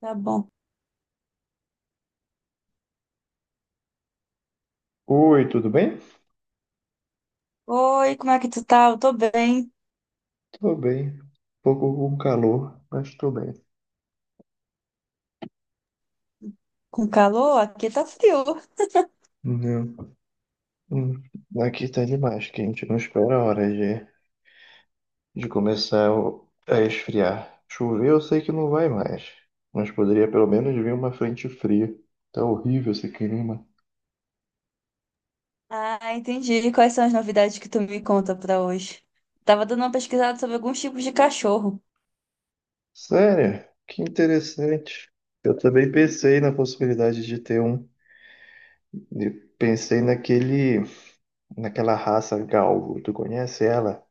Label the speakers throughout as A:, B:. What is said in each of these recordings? A: Tá bom.
B: Oi, tudo bem?
A: Oi, como é que tu tá? Eu tô bem.
B: Tô bem. Pouco com calor, mas tô bem.
A: Com calor? Aqui tá frio.
B: Não. Hum, Aqui tá demais, quente. Não espera a hora de começar a esfriar. Chover eu sei que não vai mais, mas poderia pelo menos vir uma frente fria. Tá horrível esse clima.
A: Ah, entendi. Quais são as novidades que tu me conta pra hoje? Tava dando uma pesquisada sobre alguns tipos de cachorro.
B: Sério? Que interessante. Eu também pensei na possibilidade de ter um. E pensei naquele, naquela raça galvo. Tu conhece ela?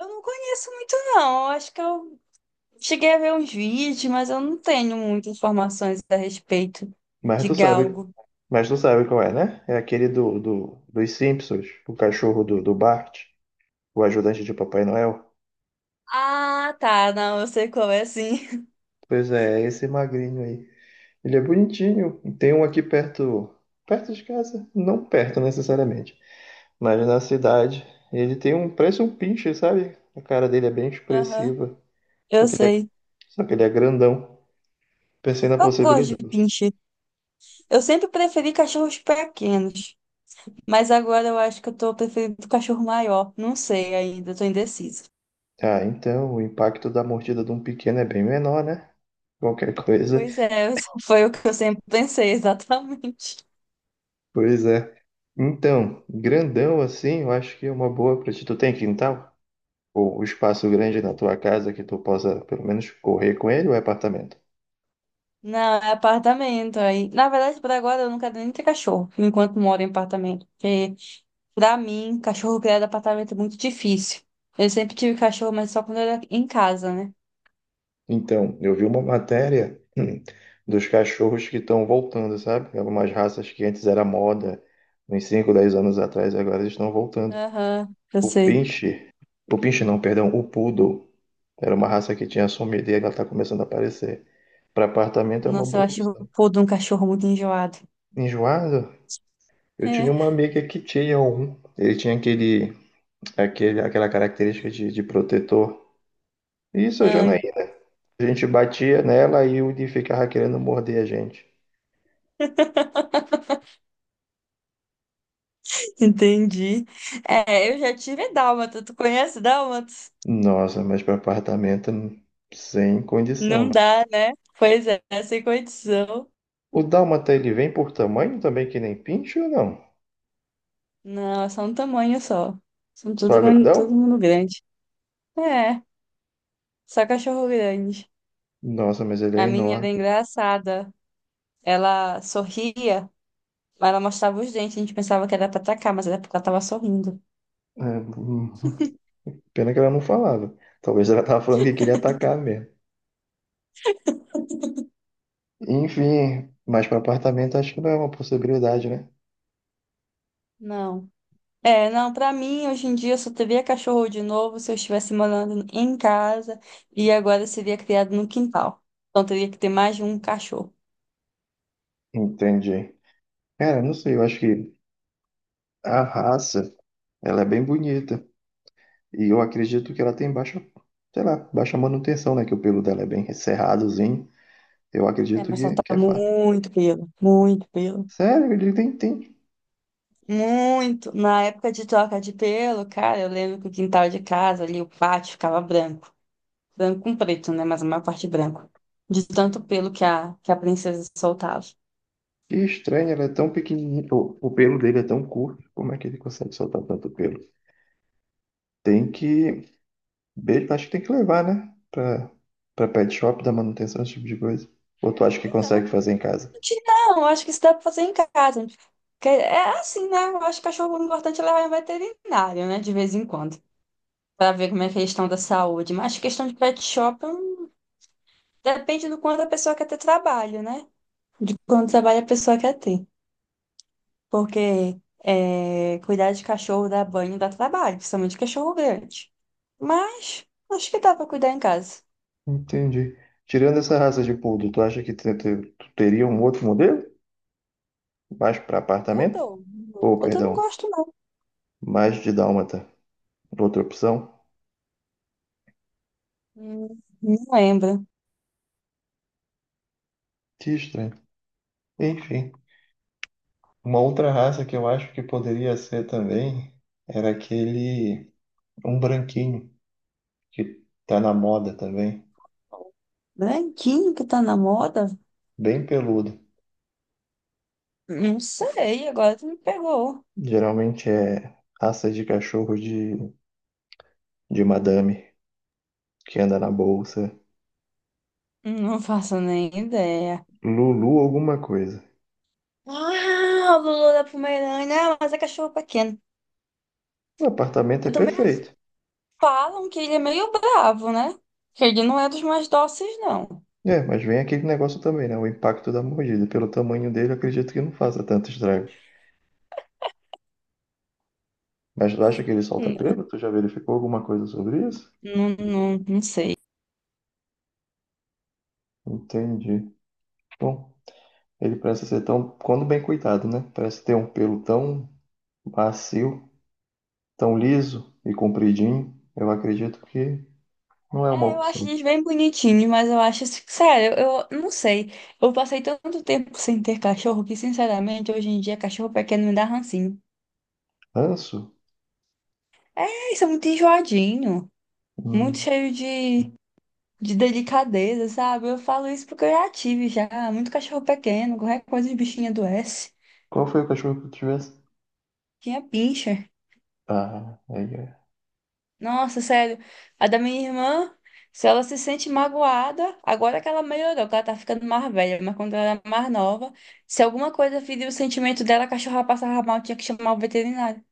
A: Eu não conheço muito, não. Eu acho que eu cheguei a ver uns vídeos, mas eu não tenho muitas informações a respeito
B: Mas
A: de
B: tu sabe,
A: galgo.
B: mas tu sabe qual é, né? É aquele dos Simpsons, o cachorro do Bart, o ajudante de Papai Noel.
A: Ah, tá. Não, eu sei qual é, sim.
B: Pois é, é esse magrinho aí. Ele é bonitinho. Tem um aqui perto, perto de casa, não perto necessariamente, mas na cidade. Ele tem um, parece um pinche, sabe? A cara dele é bem
A: Aham,
B: expressiva, só
A: eu
B: que ele é,
A: sei.
B: só que ele é grandão. Pensei na
A: Eu gosto de
B: possibilidade.
A: pincher. Eu sempre preferi cachorros pequenos. Mas agora eu acho que eu tô preferindo o cachorro maior. Não sei ainda, eu tô indecisa.
B: Ah, então o impacto da mordida de um pequeno é bem menor, né? Qualquer coisa.
A: Pois é, foi o que eu sempre pensei, exatamente.
B: Pois é. Então, grandão assim, eu acho que é uma boa pra ti. Tu tem quintal? Ou um espaço grande na tua casa que tu possa pelo menos correr com ele ou é apartamento?
A: Não, é apartamento. Aí, na verdade, por agora eu não quero nem ter cachorro, enquanto moro em apartamento. Porque, pra mim, cachorro criado em apartamento é muito difícil. Eu sempre tive cachorro, mas só quando era em casa, né?
B: Então, eu vi uma matéria dos cachorros que estão voltando, sabe? Algumas raças que antes era moda, uns 5 10 anos atrás, agora eles estão voltando.
A: Aham, eu
B: O
A: sei.
B: pinche, o pinche não, perdão, o poodle, era uma raça que tinha sumido e ela está começando a aparecer. Para apartamento é uma
A: Nossa, eu
B: boa
A: acho o
B: opção.
A: pô de um cachorro muito enjoado.
B: Enjoado? Eu tinha uma
A: É.
B: amiga que tinha um. Ele tinha aquela característica de protetor. Isso, a
A: Ai.
B: Janaína. A gente batia nela e o Udi ficava querendo morder a gente.
A: Entendi. É, eu já tive dálmata. Tu conhece dálmatas?
B: Nossa, mas para apartamento, sem condição,
A: Não
B: mano.
A: dá, né? Pois é, sem condição.
B: O Dálmata, ele vem por tamanho também, que nem pinche ou não?
A: Não, é só um tamanho só. São tudo,
B: Só
A: gran- todo
B: grandão?
A: mundo grande. É, só cachorro grande.
B: Nossa, mas ele é
A: A minha
B: enorme.
A: era engraçada. Ela sorria, mas ela mostrava os dentes. A gente pensava que era pra atacar, mas era porque ela tava sorrindo.
B: É, pena que ela não falava. Talvez ela tava falando que queria atacar mesmo. Enfim, mas para apartamento acho que não é uma possibilidade, né?
A: Não. É, não, pra mim, hoje em dia, eu só teria cachorro de novo se eu estivesse morando em casa e agora seria criado no quintal. Então, teria que ter mais de um cachorro.
B: Entendi. Cara, não sei, eu acho que a raça, ela é bem bonita. E eu acredito que ela tem baixa, sei lá, baixa manutenção, né? Que o pelo dela é bem cerradozinho. Eu
A: É,
B: acredito
A: mas solta
B: que é fácil.
A: muito pelo, muito pelo,
B: Sério, ele tem.
A: muito. Na época de troca de pelo, cara, eu lembro que o quintal de casa ali, o pátio, ficava branco. Branco com preto, né? Mas a maior parte branco. De tanto pelo que a princesa soltava.
B: Que estranho, ela é tão pequenininha. O pelo dele é tão curto. Como é que ele consegue soltar tanto pelo? Tem que. Acho que tem que levar, né? Pra pet shop, dar manutenção, esse tipo de coisa. Ou tu acha que
A: É,
B: consegue fazer em casa?
A: não, eu acho que isso dá pra fazer em casa. Porque é assim, né? Eu acho que cachorro o importante é levar em veterinário, né? De vez em quando. Pra ver como é a estão da saúde. Mas questão de pet shop depende do quanto a pessoa quer ter trabalho, né? De quanto trabalho a pessoa quer ter. Porque é, cuidar de cachorro dá banho, dá trabalho, principalmente cachorro grande. Mas acho que dá pra cuidar em casa.
B: Entendi. Tirando essa raça de poodle, tu acha que tu teria um outro modelo? Mais para apartamento?
A: Poodle?
B: Ou,
A: Poodle eu não
B: perdão,
A: gosto, não.
B: mais de dálmata. Outra opção?
A: Não lembro.
B: Que estranho. Enfim, uma outra raça que eu acho que poderia ser também era aquele, um branquinho, que tá na moda também,
A: Branquinho que tá na moda.
B: bem peludo.
A: Não sei, agora tu me pegou.
B: Geralmente é raça de cachorro de madame, que anda na bolsa.
A: Não faço nem ideia.
B: Lulu alguma coisa.
A: Ah, o Lulu da Pomerânia. Ah, mas é cachorro pequeno.
B: O apartamento é
A: Eu também assim,
B: perfeito.
A: falam que ele é meio bravo, né? Que ele não é dos mais dóceis, não.
B: É, mas vem aquele negócio também, né? O impacto da mordida. Pelo tamanho dele, eu acredito que não faça tanto estrago. Mas tu acha que ele solta
A: Hum,
B: pelo? Tu já verificou alguma coisa sobre isso?
A: Não, não, não sei.
B: Entendi. Bom, ele parece ser tão, quando bem cuidado, né? Parece ter um pelo tão macio, tão liso e compridinho. Eu acredito que não é uma
A: É, eu acho
B: opção.
A: eles bem bonitinhos, mas eu acho, assim, sério, eu não sei. Eu passei tanto tempo sem ter cachorro que, sinceramente, hoje em dia, cachorro pequeno me dá rancinho.
B: Ranço?
A: É, isso é muito enjoadinho, muito
B: Hum.
A: cheio de delicadeza, sabe? Eu falo isso porque eu já tive já muito cachorro pequeno, qualquer coisa de bichinho adoece.
B: Qual foi o cachorro que tu tivesse?
A: Tinha pincher.
B: Ah, aí é.
A: Nossa, sério. A da minha irmã, se ela se sente magoada, agora que ela melhorou, que ela tá ficando mais velha, mas quando ela era mais nova, se alguma coisa feria o sentimento dela, a cachorra passava mal, tinha que chamar o veterinário.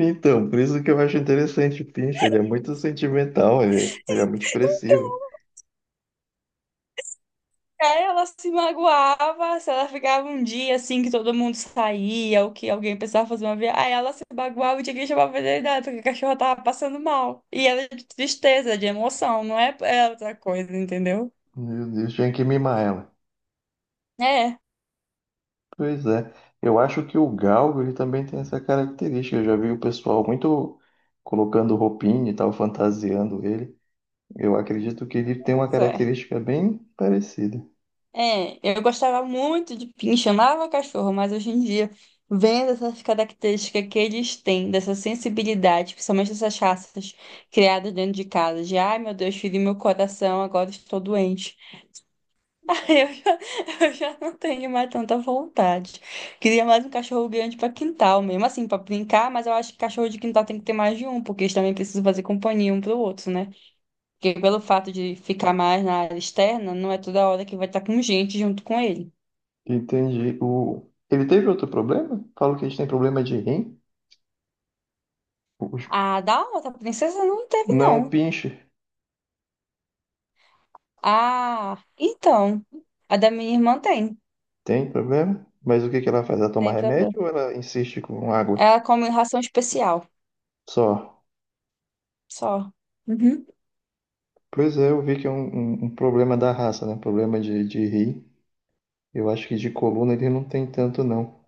B: Então, por isso que eu acho interessante o Pinch. Ele é muito sentimental, ele é muito expressivo.
A: É, ela se magoava se ela ficava um dia assim que todo mundo saía ou que alguém precisava fazer uma viagem. Aí ela se magoava e tinha que chamar a veterinária porque a cachorra tava passando mal. E ela é de tristeza, de emoção, não é outra coisa, entendeu?
B: Meu Deus, tinha que mimar ela.
A: É,
B: Pois é, eu acho que o galgo ele também tem essa característica. Eu já vi o pessoal muito colocando roupinha e tal, fantasiando ele. Eu acredito que ele tem uma
A: pois é.
B: característica bem parecida.
A: É, eu gostava muito de pincher, amava cachorro, mas hoje em dia, vendo essas características que eles têm, dessa sensibilidade, principalmente essas raças criadas dentro de casa, de ai meu Deus, feri meu coração, agora estou doente. Eu já, eu já não tenho mais tanta vontade. Queria mais um cachorro grande para quintal, mesmo assim, para brincar, mas eu acho que cachorro de quintal tem que ter mais de um, porque eles também precisam fazer companhia um para o outro, né? Porque pelo fato de ficar mais na área externa, não é toda hora que vai estar com gente junto com ele.
B: Entendi. O... Ele teve outro problema? Falo que a gente tem problema de rim. Os-
A: A da outra princesa não teve,
B: não,
A: não.
B: pinche.
A: Ah, então, a da minha irmã tem,
B: Tem problema? Mas o que que ela faz? Ela toma
A: tem problema.
B: remédio ou ela insiste com água?
A: Ela come ração especial,
B: Só.
A: só. Uhum.
B: Pois é, eu vi que é um, um problema da raça, né? Problema de rim. Eu acho que de coluna ele não tem tanto, não.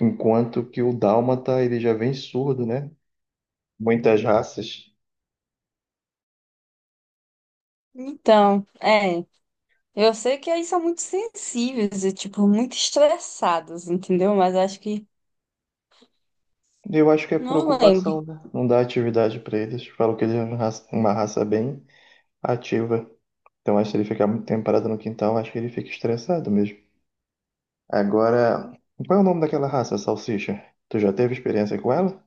B: Enquanto que o dálmata, ele já vem surdo, né? Muitas raças.
A: Então, é. Eu sei que eles são muito sensíveis e, tipo, muito estressados, entendeu? Mas acho que
B: Eu acho que é por
A: não lembro.
B: ocupação, né? Não dá atividade para eles. Falam que ele é uma raça bem ativa. Então, acho que ele ficar muito tempo parado no quintal, acho que ele fica estressado mesmo. Agora, qual é o nome daquela raça, salsicha? Tu já teve experiência com ela?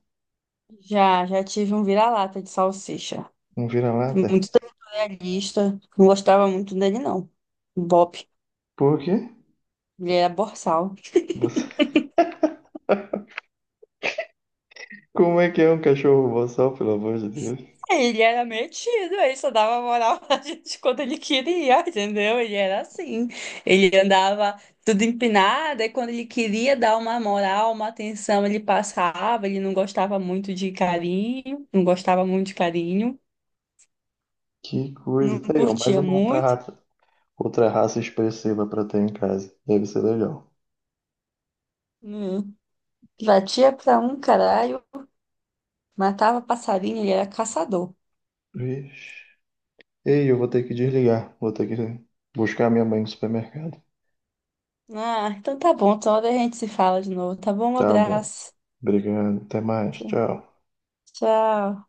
A: Já, já tive um vira-lata de salsicha.
B: Um vira-lata?
A: Muito territorialista. Não gostava muito dele, não. Bob.
B: Por quê?
A: Ele era borsal.
B: Você... Como é que é um cachorro boçal, pelo amor de Deus?
A: Ele era metido, ele só dava moral pra gente quando ele queria, entendeu? Ele era assim. Ele andava tudo empinado, e quando ele queria dar uma moral, uma atenção, ele passava, ele não gostava muito de carinho, não gostava muito de carinho,
B: Que coisa.
A: não
B: Tá aí, ó, mais
A: curtia
B: uma
A: muito,
B: outra raça expressiva pra ter em casa. Deve ser legal.
A: não. Batia pra um caralho, matava passarinho, ele era caçador.
B: Vixe. Ei, eu vou ter que desligar. Vou ter que buscar minha mãe no supermercado.
A: Ah, então tá bom, toda hora a gente se fala de novo, tá bom? Um
B: Tá bom.
A: abraço.
B: Obrigado. Até mais.
A: Tchau.
B: Tchau.
A: Tchau.